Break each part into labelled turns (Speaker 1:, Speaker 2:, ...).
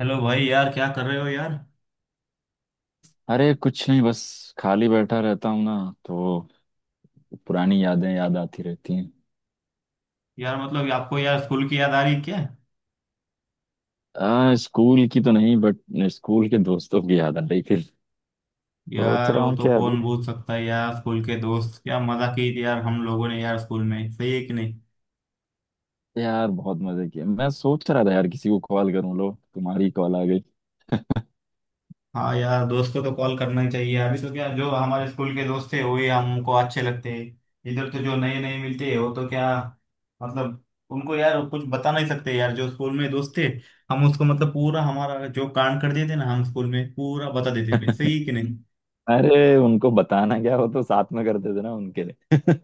Speaker 1: Hello भाई यार क्या कर रहे हो यार।
Speaker 2: अरे कुछ नहीं, बस खाली बैठा रहता हूँ ना, तो पुरानी यादें याद आती रहती हैं।
Speaker 1: यार मतलब आपको यार स्कूल की याद आ रही क्या।
Speaker 2: स्कूल की तो नहीं बट स्कूल के दोस्तों की याद आ रही थी। सोच
Speaker 1: यार
Speaker 2: रहा
Speaker 1: वो
Speaker 2: हूँ कि
Speaker 1: तो
Speaker 2: अभी
Speaker 1: कौन भूल सकता है यार स्कूल के दोस्त क्या मजा की थी यार हम लोगों ने यार स्कूल में सही है कि नहीं।
Speaker 2: यार बहुत मजे किए। मैं सोच रहा था यार किसी को कॉल करूँ, लो तुम्हारी कॉल आ गई।
Speaker 1: हाँ यार दोस्त को तो कॉल करना ही चाहिए अभी तो क्या जो हमारे स्कूल के दोस्त थे वही हमको अच्छे लगते हैं। इधर तो जो नए नए मिलते हैं वो तो क्या मतलब उनको यार कुछ बता नहीं सकते यार जो स्कूल में दोस्त थे। हम उसको मतलब पूरा हमारा जो कांड कर देते ना हम स्कूल में पूरा बता देते थे सही है कि नहीं।
Speaker 2: अरे उनको बताना क्या, वो तो साथ में करते थे ना उनके लिए।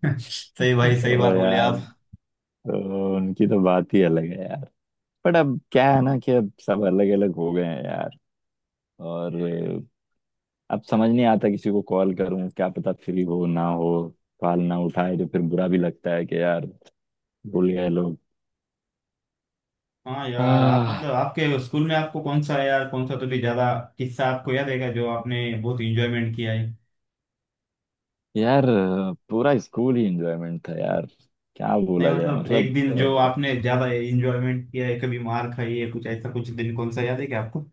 Speaker 1: सही भाई सही
Speaker 2: तो
Speaker 1: बात बोले
Speaker 2: यार,
Speaker 1: आप।
Speaker 2: तो उनकी तो बात ही अलग है यार। बट अब क्या है ना, कि अब सब अलग अलग हो गए हैं यार। और अब समझ नहीं आता किसी को कॉल करूं, क्या पता फ्री हो ना हो। कॉल ना उठाए तो फिर बुरा भी लगता है कि यार, भूल गए लोग।
Speaker 1: हाँ यार आप
Speaker 2: आह
Speaker 1: मतलब आपके स्कूल में आपको कौन सा यार कौन सा तो भी ज्यादा किस्सा आपको याद है जो आपने बहुत इंजॉयमेंट किया है।
Speaker 2: यार पूरा स्कूल ही एंजॉयमेंट था यार। क्या
Speaker 1: नहीं
Speaker 2: बोला जाए
Speaker 1: मतलब एक
Speaker 2: मतलब
Speaker 1: दिन जो आपने ज्यादा इंजॉयमेंट किया है कभी मार खाई है कुछ ऐसा कुछ दिन कौन सा याद है क्या आपको।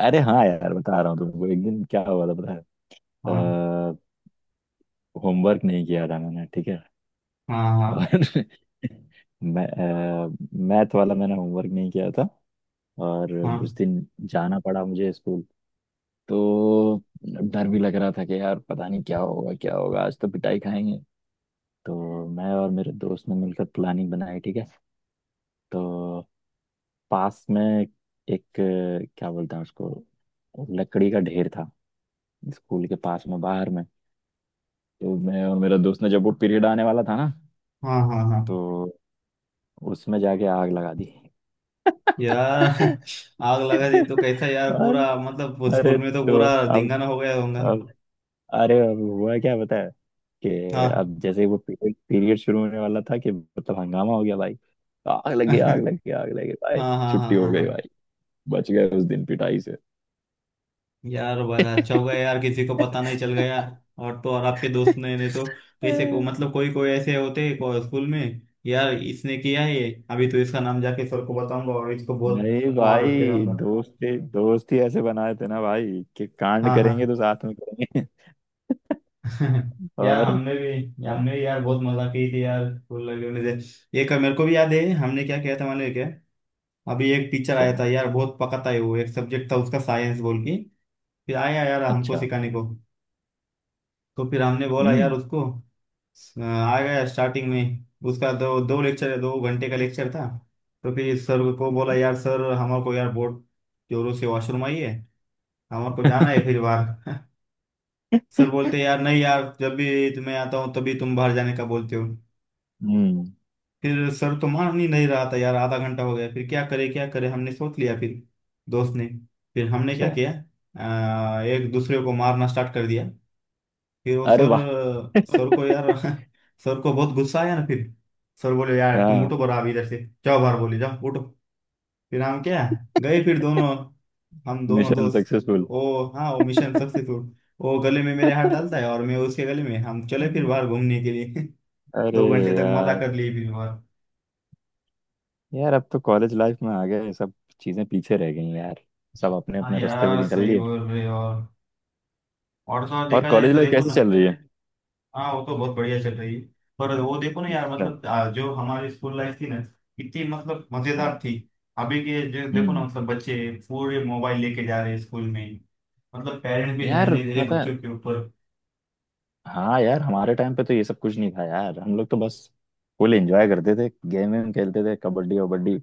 Speaker 2: अरे हाँ यार, बता रहा हूँ तुमको। एक दिन क्या हुआ था पता है?
Speaker 1: हाँ,
Speaker 2: होमवर्क नहीं किया था मैंने, ठीक है।
Speaker 1: हाँ, हाँ,
Speaker 2: और मैथ वाला मैंने होमवर्क नहीं किया था। और उस
Speaker 1: हाँ,
Speaker 2: दिन जाना पड़ा मुझे स्कूल। तो डर भी लग रहा था कि यार पता नहीं क्या होगा क्या होगा, आज तो पिटाई खाएंगे। तो मैं और मेरे दोस्त ने मिलकर प्लानिंग बनाई, ठीक है। तो पास में एक, क्या बोलते हैं उसको, लकड़ी का ढेर था, स्कूल के पास में बाहर में। तो मैं और मेरा दोस्त ने, जब वो पीरियड आने वाला था ना,
Speaker 1: हाँ, हाँ, हाँ।
Speaker 2: तो उसमें जाके आग लगा दी।
Speaker 1: यार आग लगा दी तो कैसा यार
Speaker 2: और
Speaker 1: पूरा मतलब स्कूल
Speaker 2: अरे,
Speaker 1: में तो
Speaker 2: तो
Speaker 1: पूरा
Speaker 2: अब
Speaker 1: धिंगाना हो गया होगा।
Speaker 2: अब अब हुआ क्या पता है कि,
Speaker 1: हाँ।
Speaker 2: अब जैसे ही वो पीरियड पीरियड शुरू होने वाला था कि मतलब हंगामा हो गया भाई। आग लगी,
Speaker 1: हाँ,
Speaker 2: आग लगी, आग लगी भाई!
Speaker 1: हाँ, हाँ,
Speaker 2: छुट्टी हो
Speaker 1: हाँ,
Speaker 2: गई
Speaker 1: हाँ।
Speaker 2: भाई, बच गए उस दिन पिटाई से।
Speaker 1: यार बड़ा अच्छा होगा यार किसी को पता नहीं चल गया। और तो और आपके दोस्त ने नहीं तो कैसे को मतलब कोई कोई ऐसे होते हैं स्कूल में। यार इसने किया है ये अभी तो इसका नाम जाके सर को बताऊंगा और इसको बहुत
Speaker 2: नहीं
Speaker 1: मार के
Speaker 2: भाई,
Speaker 1: रहूंगा।
Speaker 2: दोस्त ही ऐसे बनाए थे ना भाई, कि कांड
Speaker 1: हाँ, हाँ।
Speaker 2: करेंगे तो साथ में करेंगे।
Speaker 1: यार
Speaker 2: और और।
Speaker 1: हमने भी यार बहुत मजा की थी यार स्कूल लाइफ से एक मेरे को भी याद है हमने क्या किया था मालूम है क्या। अभी एक टीचर आया
Speaker 2: क्या?
Speaker 1: था यार बहुत पकाता है वो एक सब्जेक्ट था उसका साइंस बोल के। फिर आया यार हमको
Speaker 2: अच्छा।
Speaker 1: सिखाने को। तो फिर हमने बोला यार
Speaker 2: हम्म।
Speaker 1: उसको। आ गया स्टार्टिंग में। उसका दो दो लेक्चर 2 घंटे का लेक्चर था। तो फिर सर को बोला यार सर हमारे को यार बहुत जोरों से वॉशरूम आई है। हमारे को जाना है फिर बाहर सर बोलते यार नहीं यार जब भी तुम्हें आता हूँ तभी तुम बाहर जाने का बोलते हो।
Speaker 2: हम्म।
Speaker 1: फिर सर तो मान ही नहीं रहा था यार आधा घंटा हो गया फिर क्या करे हमने सोच लिया फिर दोस्त ने फिर हमने क्या
Speaker 2: अच्छा।
Speaker 1: किया। एक दूसरे को मारना स्टार्ट कर दिया। फिर वो
Speaker 2: अरे
Speaker 1: सर
Speaker 2: वाह!
Speaker 1: सर को यार सर को बहुत गुस्सा आया ना फिर। सर बोले यार तुम
Speaker 2: हाँ।
Speaker 1: उठो बरा अभी इधर से जाओ बाहर बोले जाओ उठो। फिर हम क्या गए फिर दोनों हम दोनों
Speaker 2: मिशन
Speaker 1: दोस्त।
Speaker 2: सक्सेसफुल।
Speaker 1: ओ हाँ वो मिशन सक्सेसफुल। वो गले में मेरे हाथ डालता है और मैं उसके गले में हम चले फिर बाहर घूमने के लिए।
Speaker 2: अरे
Speaker 1: 2 घंटे तक मजा
Speaker 2: यार,
Speaker 1: कर लिए फिर बाहर।
Speaker 2: अब तो कॉलेज लाइफ में आ गए। सब चीजें पीछे रह गई यार। सब अपने
Speaker 1: हाँ
Speaker 2: अपने रास्ते पे
Speaker 1: यार
Speaker 2: निकल
Speaker 1: सही
Speaker 2: लिए।
Speaker 1: बोल रहे हो और तो और
Speaker 2: और
Speaker 1: देखा जाए
Speaker 2: कॉलेज
Speaker 1: तो
Speaker 2: लाइफ
Speaker 1: देखो
Speaker 2: कैसे
Speaker 1: ना।
Speaker 2: चल रही है?
Speaker 1: हाँ वो तो बहुत बढ़िया चल रही है। पर वो देखो ना यार
Speaker 2: अच्छा।
Speaker 1: मतलब जो हमारी स्कूल लाइफ थी ना कितनी मतलब मजेदार
Speaker 2: हाँ।
Speaker 1: थी। अभी के जो देखो ना
Speaker 2: हम्म।
Speaker 1: मतलब बच्चे पूरे मोबाइल लेके जा रहे हैं स्कूल में। मतलब पेरेंट्स भी ध्यान
Speaker 2: यार
Speaker 1: नहीं दे रहे
Speaker 2: पता है।
Speaker 1: बच्चों के ऊपर।
Speaker 2: हाँ यार, हमारे टाइम पे तो ये सब कुछ नहीं था यार। हम लोग तो बस फुल एंजॉय करते थे, गेम वेम खेलते थे, कबड्डी वबड्डी।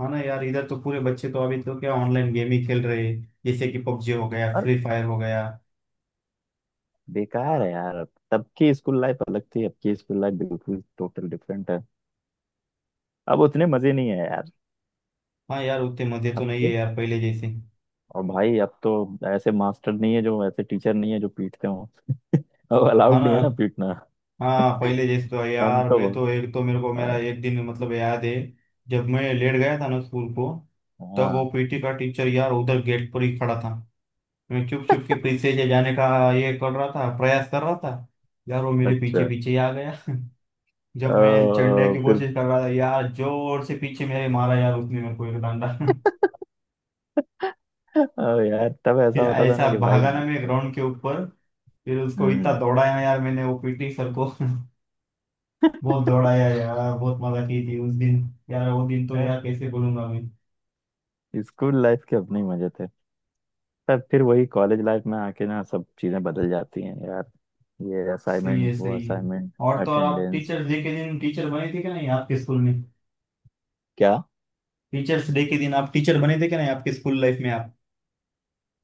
Speaker 1: है ना यार इधर तो पूरे बच्चे तो अभी तो क्या ऑनलाइन गेम ही खेल रहे हैं जैसे कि पबजी हो गया
Speaker 2: और
Speaker 1: फ्री फायर हो गया।
Speaker 2: बेकार है यार। अब तब की स्कूल लाइफ अलग थी, अब की स्कूल लाइफ बिल्कुल टोटल डिफरेंट है। अब उतने मजे नहीं है।
Speaker 1: हाँ यार उतने मजे तो नहीं
Speaker 2: आपको
Speaker 1: है यार पहले जैसे।
Speaker 2: और भाई, अब तो ऐसे मास्टर नहीं है जो, ऐसे टीचर नहीं है जो पीटते हो। अब
Speaker 1: हाँ
Speaker 2: अलाउड
Speaker 1: ना।
Speaker 2: नहीं है ना पीटना।
Speaker 1: हाँ पहले जैसे तो है
Speaker 2: हम
Speaker 1: यार
Speaker 2: तो
Speaker 1: मैं
Speaker 2: बिल्कुल।
Speaker 1: तो एक तो मेरे को
Speaker 2: हाँ।
Speaker 1: मेरा एक दिन मतलब याद है। जब मैं लेट गया था ना स्कूल को। तब वो
Speaker 2: हाँ,
Speaker 1: पीटी का टीचर यार उधर गेट पर ही खड़ा था। मैं चुप चुप के पीछे से जाने का ये कर रहा था प्रयास कर रहा था। यार वो मेरे पीछे
Speaker 2: अच्छा।
Speaker 1: पीछे ही आ गया। जब मैं चढ़ने की
Speaker 2: फिर,
Speaker 1: कोशिश कर रहा था यार जोर से पीछे मेरे मारा यार उसने मेरे को एक डंडा
Speaker 2: अ, यार तब ऐसा
Speaker 1: फिर
Speaker 2: होता था
Speaker 1: ऐसा
Speaker 2: ना कि भाई।
Speaker 1: भागा ना मैं ग्राउंड के ऊपर। फिर उसको इतना
Speaker 2: हम्म।
Speaker 1: दौड़ाया यार मैंने वो पीटी सर को बहुत दौड़ाया यार बहुत मजा की थी उस दिन। यार वो दिन तो
Speaker 2: यार
Speaker 1: यार कैसे बोलूंगा मैं।
Speaker 2: स्कूल लाइफ के अपने ही मजे थे। तब फिर वही कॉलेज लाइफ में आके ना सब चीजें बदल जाती हैं यार। ये
Speaker 1: सही है,
Speaker 2: असाइनमेंट, वो
Speaker 1: सही है।
Speaker 2: असाइनमेंट,
Speaker 1: और तो और आप
Speaker 2: अटेंडेंस।
Speaker 1: टीचर्स डे के दिन टीचर बने थे क्या नहीं आपके स्कूल में।
Speaker 2: क्या?
Speaker 1: टीचर्स डे के दिन आप टीचर बने थे क्या नहीं आपके स्कूल लाइफ में आप।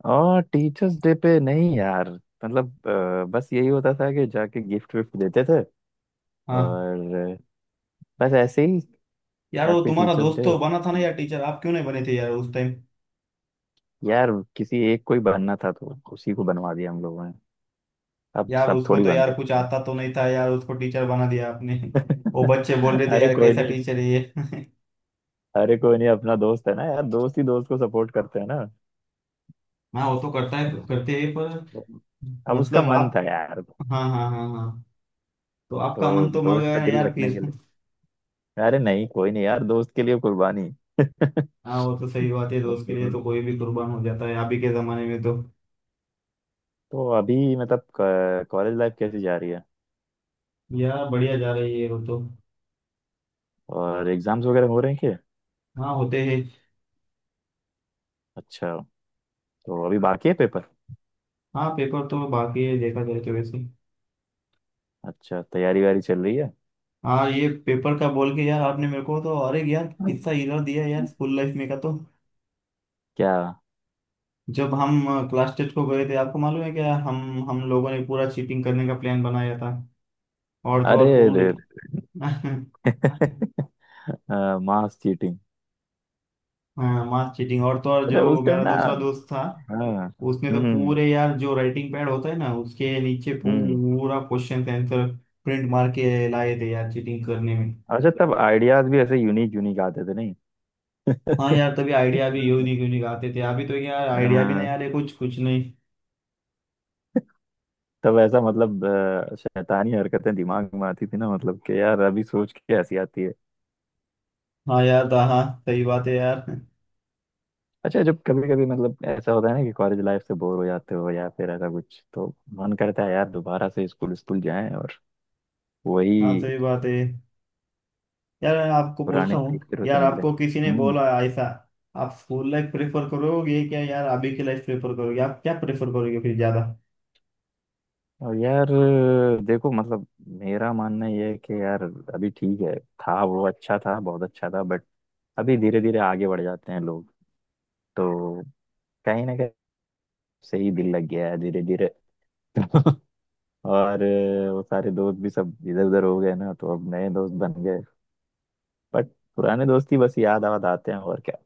Speaker 2: और टीचर्स डे पे नहीं यार, मतलब बस यही होता था कि जाके गिफ्ट विफ्ट देते थे।
Speaker 1: हाँ
Speaker 2: और बस ऐसे ही।
Speaker 1: यार वो
Speaker 2: हैप्पी
Speaker 1: तुम्हारा
Speaker 2: टीचर्स
Speaker 1: दोस्त
Speaker 2: डे।
Speaker 1: तो बना था ना यार टीचर आप क्यों नहीं बने थे यार उस टाइम।
Speaker 2: यार किसी एक को ही बनना था, तो उसी को बनवा दिया हम लोगों ने। अब
Speaker 1: यार
Speaker 2: सब
Speaker 1: उसको
Speaker 2: थोड़ी
Speaker 1: तो
Speaker 2: बन
Speaker 1: यार कुछ
Speaker 2: सकते हैं।
Speaker 1: आता तो नहीं था यार उसको टीचर बना दिया आपने। वो बच्चे बोल रहे थे
Speaker 2: अरे
Speaker 1: यार
Speaker 2: कोई
Speaker 1: कैसा
Speaker 2: नहीं।
Speaker 1: टीचर है ये
Speaker 2: अरे कोई नहीं, अपना दोस्त है ना यार, दोस्त ही दोस्त को सपोर्ट करते हैं ना।
Speaker 1: हाँ वो तो करता है करते हैं पर
Speaker 2: अब उसका
Speaker 1: मतलब
Speaker 2: मन था
Speaker 1: आप।
Speaker 2: यार,
Speaker 1: हाँ, हाँ, हाँ, हाँ। तो आपका
Speaker 2: तो
Speaker 1: मन तो मर
Speaker 2: दोस्त
Speaker 1: गया
Speaker 2: का
Speaker 1: ना
Speaker 2: दिल
Speaker 1: यार
Speaker 2: रखने
Speaker 1: फिर।
Speaker 2: के लिए। अरे नहीं कोई नहीं यार, दोस्त के लिए कुर्बानी।
Speaker 1: हाँ वो तो सही बात है दोस्त के लिए
Speaker 2: तो
Speaker 1: तो कोई भी कुर्बान हो जाता है अभी के जमाने में तो।
Speaker 2: तो अभी मतलब, कॉलेज लाइफ कैसी जा रही है?
Speaker 1: यार बढ़िया जा रही है वो तो।
Speaker 2: और एग्जाम्स वगैरह हो रहे हैं क्या?
Speaker 1: हाँ होते हैं।
Speaker 2: अच्छा। तो अभी बाकी है पेपर।
Speaker 1: हाँ पेपर तो बाकी है देखा जाए तो वैसे।
Speaker 2: अच्छा तैयारी वारी चल रही है।
Speaker 1: हाँ ये पेपर का बोल के यार आपने मेरे को तो अरे यार किस्सा हिला दिया यार स्कूल लाइफ में का तो।
Speaker 2: क्या?
Speaker 1: जब हम क्लास टेस्ट को गए थे आपको मालूम है क्या हम लोगों ने पूरा चीटिंग करने का प्लान बनाया था और तो
Speaker 2: अरे
Speaker 1: और पूरे
Speaker 2: रे! मास चीटिंग!
Speaker 1: हाँ मास चीटिंग और तो और
Speaker 2: अच्छा
Speaker 1: जो
Speaker 2: उस टाइम
Speaker 1: मेरा
Speaker 2: ना।
Speaker 1: दूसरा दोस्त था
Speaker 2: हाँ।
Speaker 1: उसने तो
Speaker 2: हम्म।
Speaker 1: पूरे यार जो राइटिंग पैड होता है ना उसके नीचे
Speaker 2: हम्म।
Speaker 1: पूरा क्वेश्चन आंसर प्रिंट मार के लाए थे यार चीटिंग करने में।
Speaker 2: अच्छा तब आइडियाज भी ऐसे यूनिक यूनिक आते थे
Speaker 1: हाँ
Speaker 2: नहीं?
Speaker 1: यार तभी आइडिया भी यूनिक यूनिक आते थे अभी तो यार आइडिया भी नहीं
Speaker 2: अ,
Speaker 1: आ रहे कुछ कुछ नहीं।
Speaker 2: तब ऐसा मतलब शैतानी हरकतें दिमाग में आती थी ना, मतलब कि यार अभी सोच के ऐसी आती है।
Speaker 1: हाँ यार हाँ सही बात है यार।
Speaker 2: अच्छा, जब कभी कभी मतलब ऐसा होता है ना कि कॉलेज लाइफ से बोर हो जाते हो या फिर ऐसा कुछ, तो मन करता है यार दोबारा से स्कूल स्कूल जाएं, और
Speaker 1: हाँ
Speaker 2: वही
Speaker 1: सही बात है यार आपको पूछता
Speaker 2: पुराने
Speaker 1: हूँ।
Speaker 2: टीचरों से
Speaker 1: यार
Speaker 2: मिले।
Speaker 1: आपको किसी ने
Speaker 2: हम्म।
Speaker 1: बोला ऐसा। आप स्कूल लाइफ प्रेफर करोगे क्या यार अभी की लाइफ प्रेफर करोगे आप क्या प्रेफर करोगे फिर ज्यादा।
Speaker 2: और यार देखो, मतलब मेरा मानना ये है कि यार, अभी ठीक है। था वो अच्छा था, बहुत अच्छा था, बट अभी धीरे धीरे आगे बढ़ जाते हैं लोग। तो कहीं ना कहीं से ही दिल लग गया है धीरे धीरे। और वो सारे दोस्त भी सब इधर उधर हो गए ना, तो अब नए दोस्त बन गए। बट पुराने दोस्ती बस याद आवाद आते हैं, और क्या।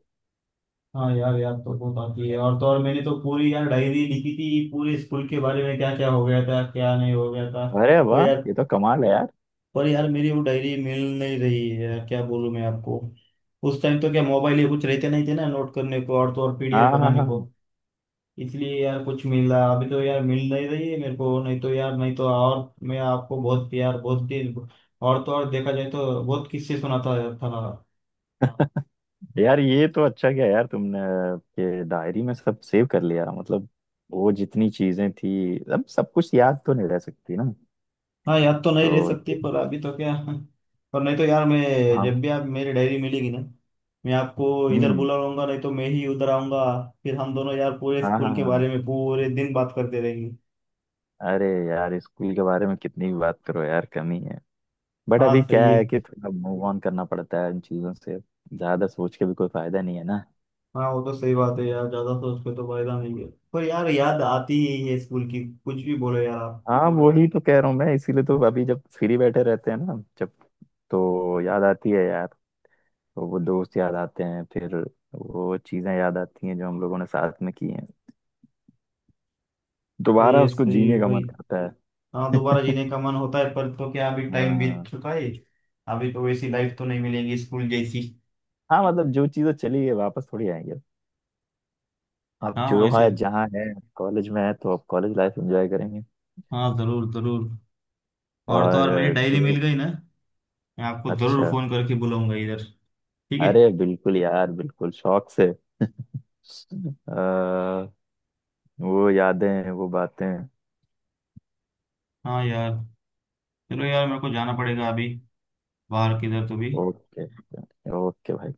Speaker 1: हाँ यार याद तो बहुत आती है और तो और मैंने तो पूरी यार डायरी लिखी थी पूरे स्कूल के बारे में क्या क्या हो गया था क्या नहीं हो गया था।
Speaker 2: अरे
Speaker 1: पर
Speaker 2: वाह!
Speaker 1: यार
Speaker 2: ये तो कमाल है यार।
Speaker 1: पर यार मेरी वो डायरी मिल नहीं रही है यार क्या बोलूँ मैं आपको। उस टाइम तो क्या मोबाइल ये कुछ रहते नहीं थे ना नोट करने को और तो और पीडीएफ
Speaker 2: हाँ हाँ हाँ
Speaker 1: बनाने को।
Speaker 2: हाँ।
Speaker 1: इसलिए यार कुछ मिला अभी तो यार मिल नहीं रही है मेरे को नहीं तो यार नहीं तो और मैं आपको बहुत प्यार बहुत दिन। और तो और देखा जाए तो बहुत किस्से सुनाता था।
Speaker 2: यार ये तो अच्छा किया यार तुमने, ये डायरी में सब सेव कर लिया मतलब। वो जितनी चीजें थी, अब सब कुछ याद तो नहीं रह सकती ना।
Speaker 1: हाँ याद तो नहीं रह
Speaker 2: तो
Speaker 1: सकती
Speaker 2: ये-
Speaker 1: पर अभी तो क्या पर नहीं तो यार मैं
Speaker 2: हाँ।
Speaker 1: जब भी आप मेरी डायरी मिलेगी ना मैं आपको इधर
Speaker 2: हम्म।
Speaker 1: बुलाऊंगा नहीं तो मैं ही उधर आऊंगा। फिर हम दोनों यार पूरे
Speaker 2: हाँ हाँ
Speaker 1: स्कूल
Speaker 2: हाँ
Speaker 1: के बारे
Speaker 2: हाँ।
Speaker 1: में पूरे दिन बात करते रहेंगे।
Speaker 2: अरे यार, स्कूल के बारे में कितनी भी बात करो यार, कमी है। बट अभी
Speaker 1: हाँ सही
Speaker 2: क्या
Speaker 1: है।
Speaker 2: है कि थोड़ा मूव ऑन करना पड़ता है इन चीजों से। ज्यादा सोच के भी कोई फायदा नहीं है ना।
Speaker 1: हाँ वो तो सही बात है यार ज्यादा सोच के तो फायदा नहीं है पर यार याद आती ही है स्कूल की कुछ भी बोलो यार आप।
Speaker 2: हाँ वही तो कह रहा हूँ मैं, इसीलिए तो अभी जब फ्री बैठे रहते हैं ना जब, तो याद आती है यार। तो वो दोस्त याद आते हैं फिर। वो चीजें याद आती हैं जो हम लोगों ने साथ में की हैं।
Speaker 1: तो
Speaker 2: दोबारा
Speaker 1: ये
Speaker 2: उसको
Speaker 1: सही
Speaker 2: जीने
Speaker 1: है
Speaker 2: का
Speaker 1: भाई।
Speaker 2: मन करता है।
Speaker 1: हाँ दोबारा जीने का मन होता है पर तो क्या अभी टाइम बीत
Speaker 2: हाँ।
Speaker 1: चुका है। अभी तो वैसी लाइफ तो नहीं मिलेगी स्कूल जैसी।
Speaker 2: हाँ मतलब जो चीजें चली गई वापस थोड़ी आएंगे। अब
Speaker 1: हाँ
Speaker 2: जो
Speaker 1: वैसे।
Speaker 2: है जहाँ है, कॉलेज में है तो अब कॉलेज लाइफ एंजॉय करेंगे।
Speaker 1: हाँ जरूर जरूर। और तो
Speaker 2: और
Speaker 1: और मेरी डायरी मिल
Speaker 2: जो।
Speaker 1: गई ना मैं आपको ज़रूर
Speaker 2: अच्छा।
Speaker 1: फ़ोन करके बुलाऊंगा इधर। ठीक है।
Speaker 2: अरे बिल्कुल यार, बिल्कुल शौक से। अ, वो यादें, वो बातें।
Speaker 1: हाँ यार चलो यार मेरे को जाना पड़ेगा अभी बाहर किधर तो भी।
Speaker 2: ओके। ओके भाई।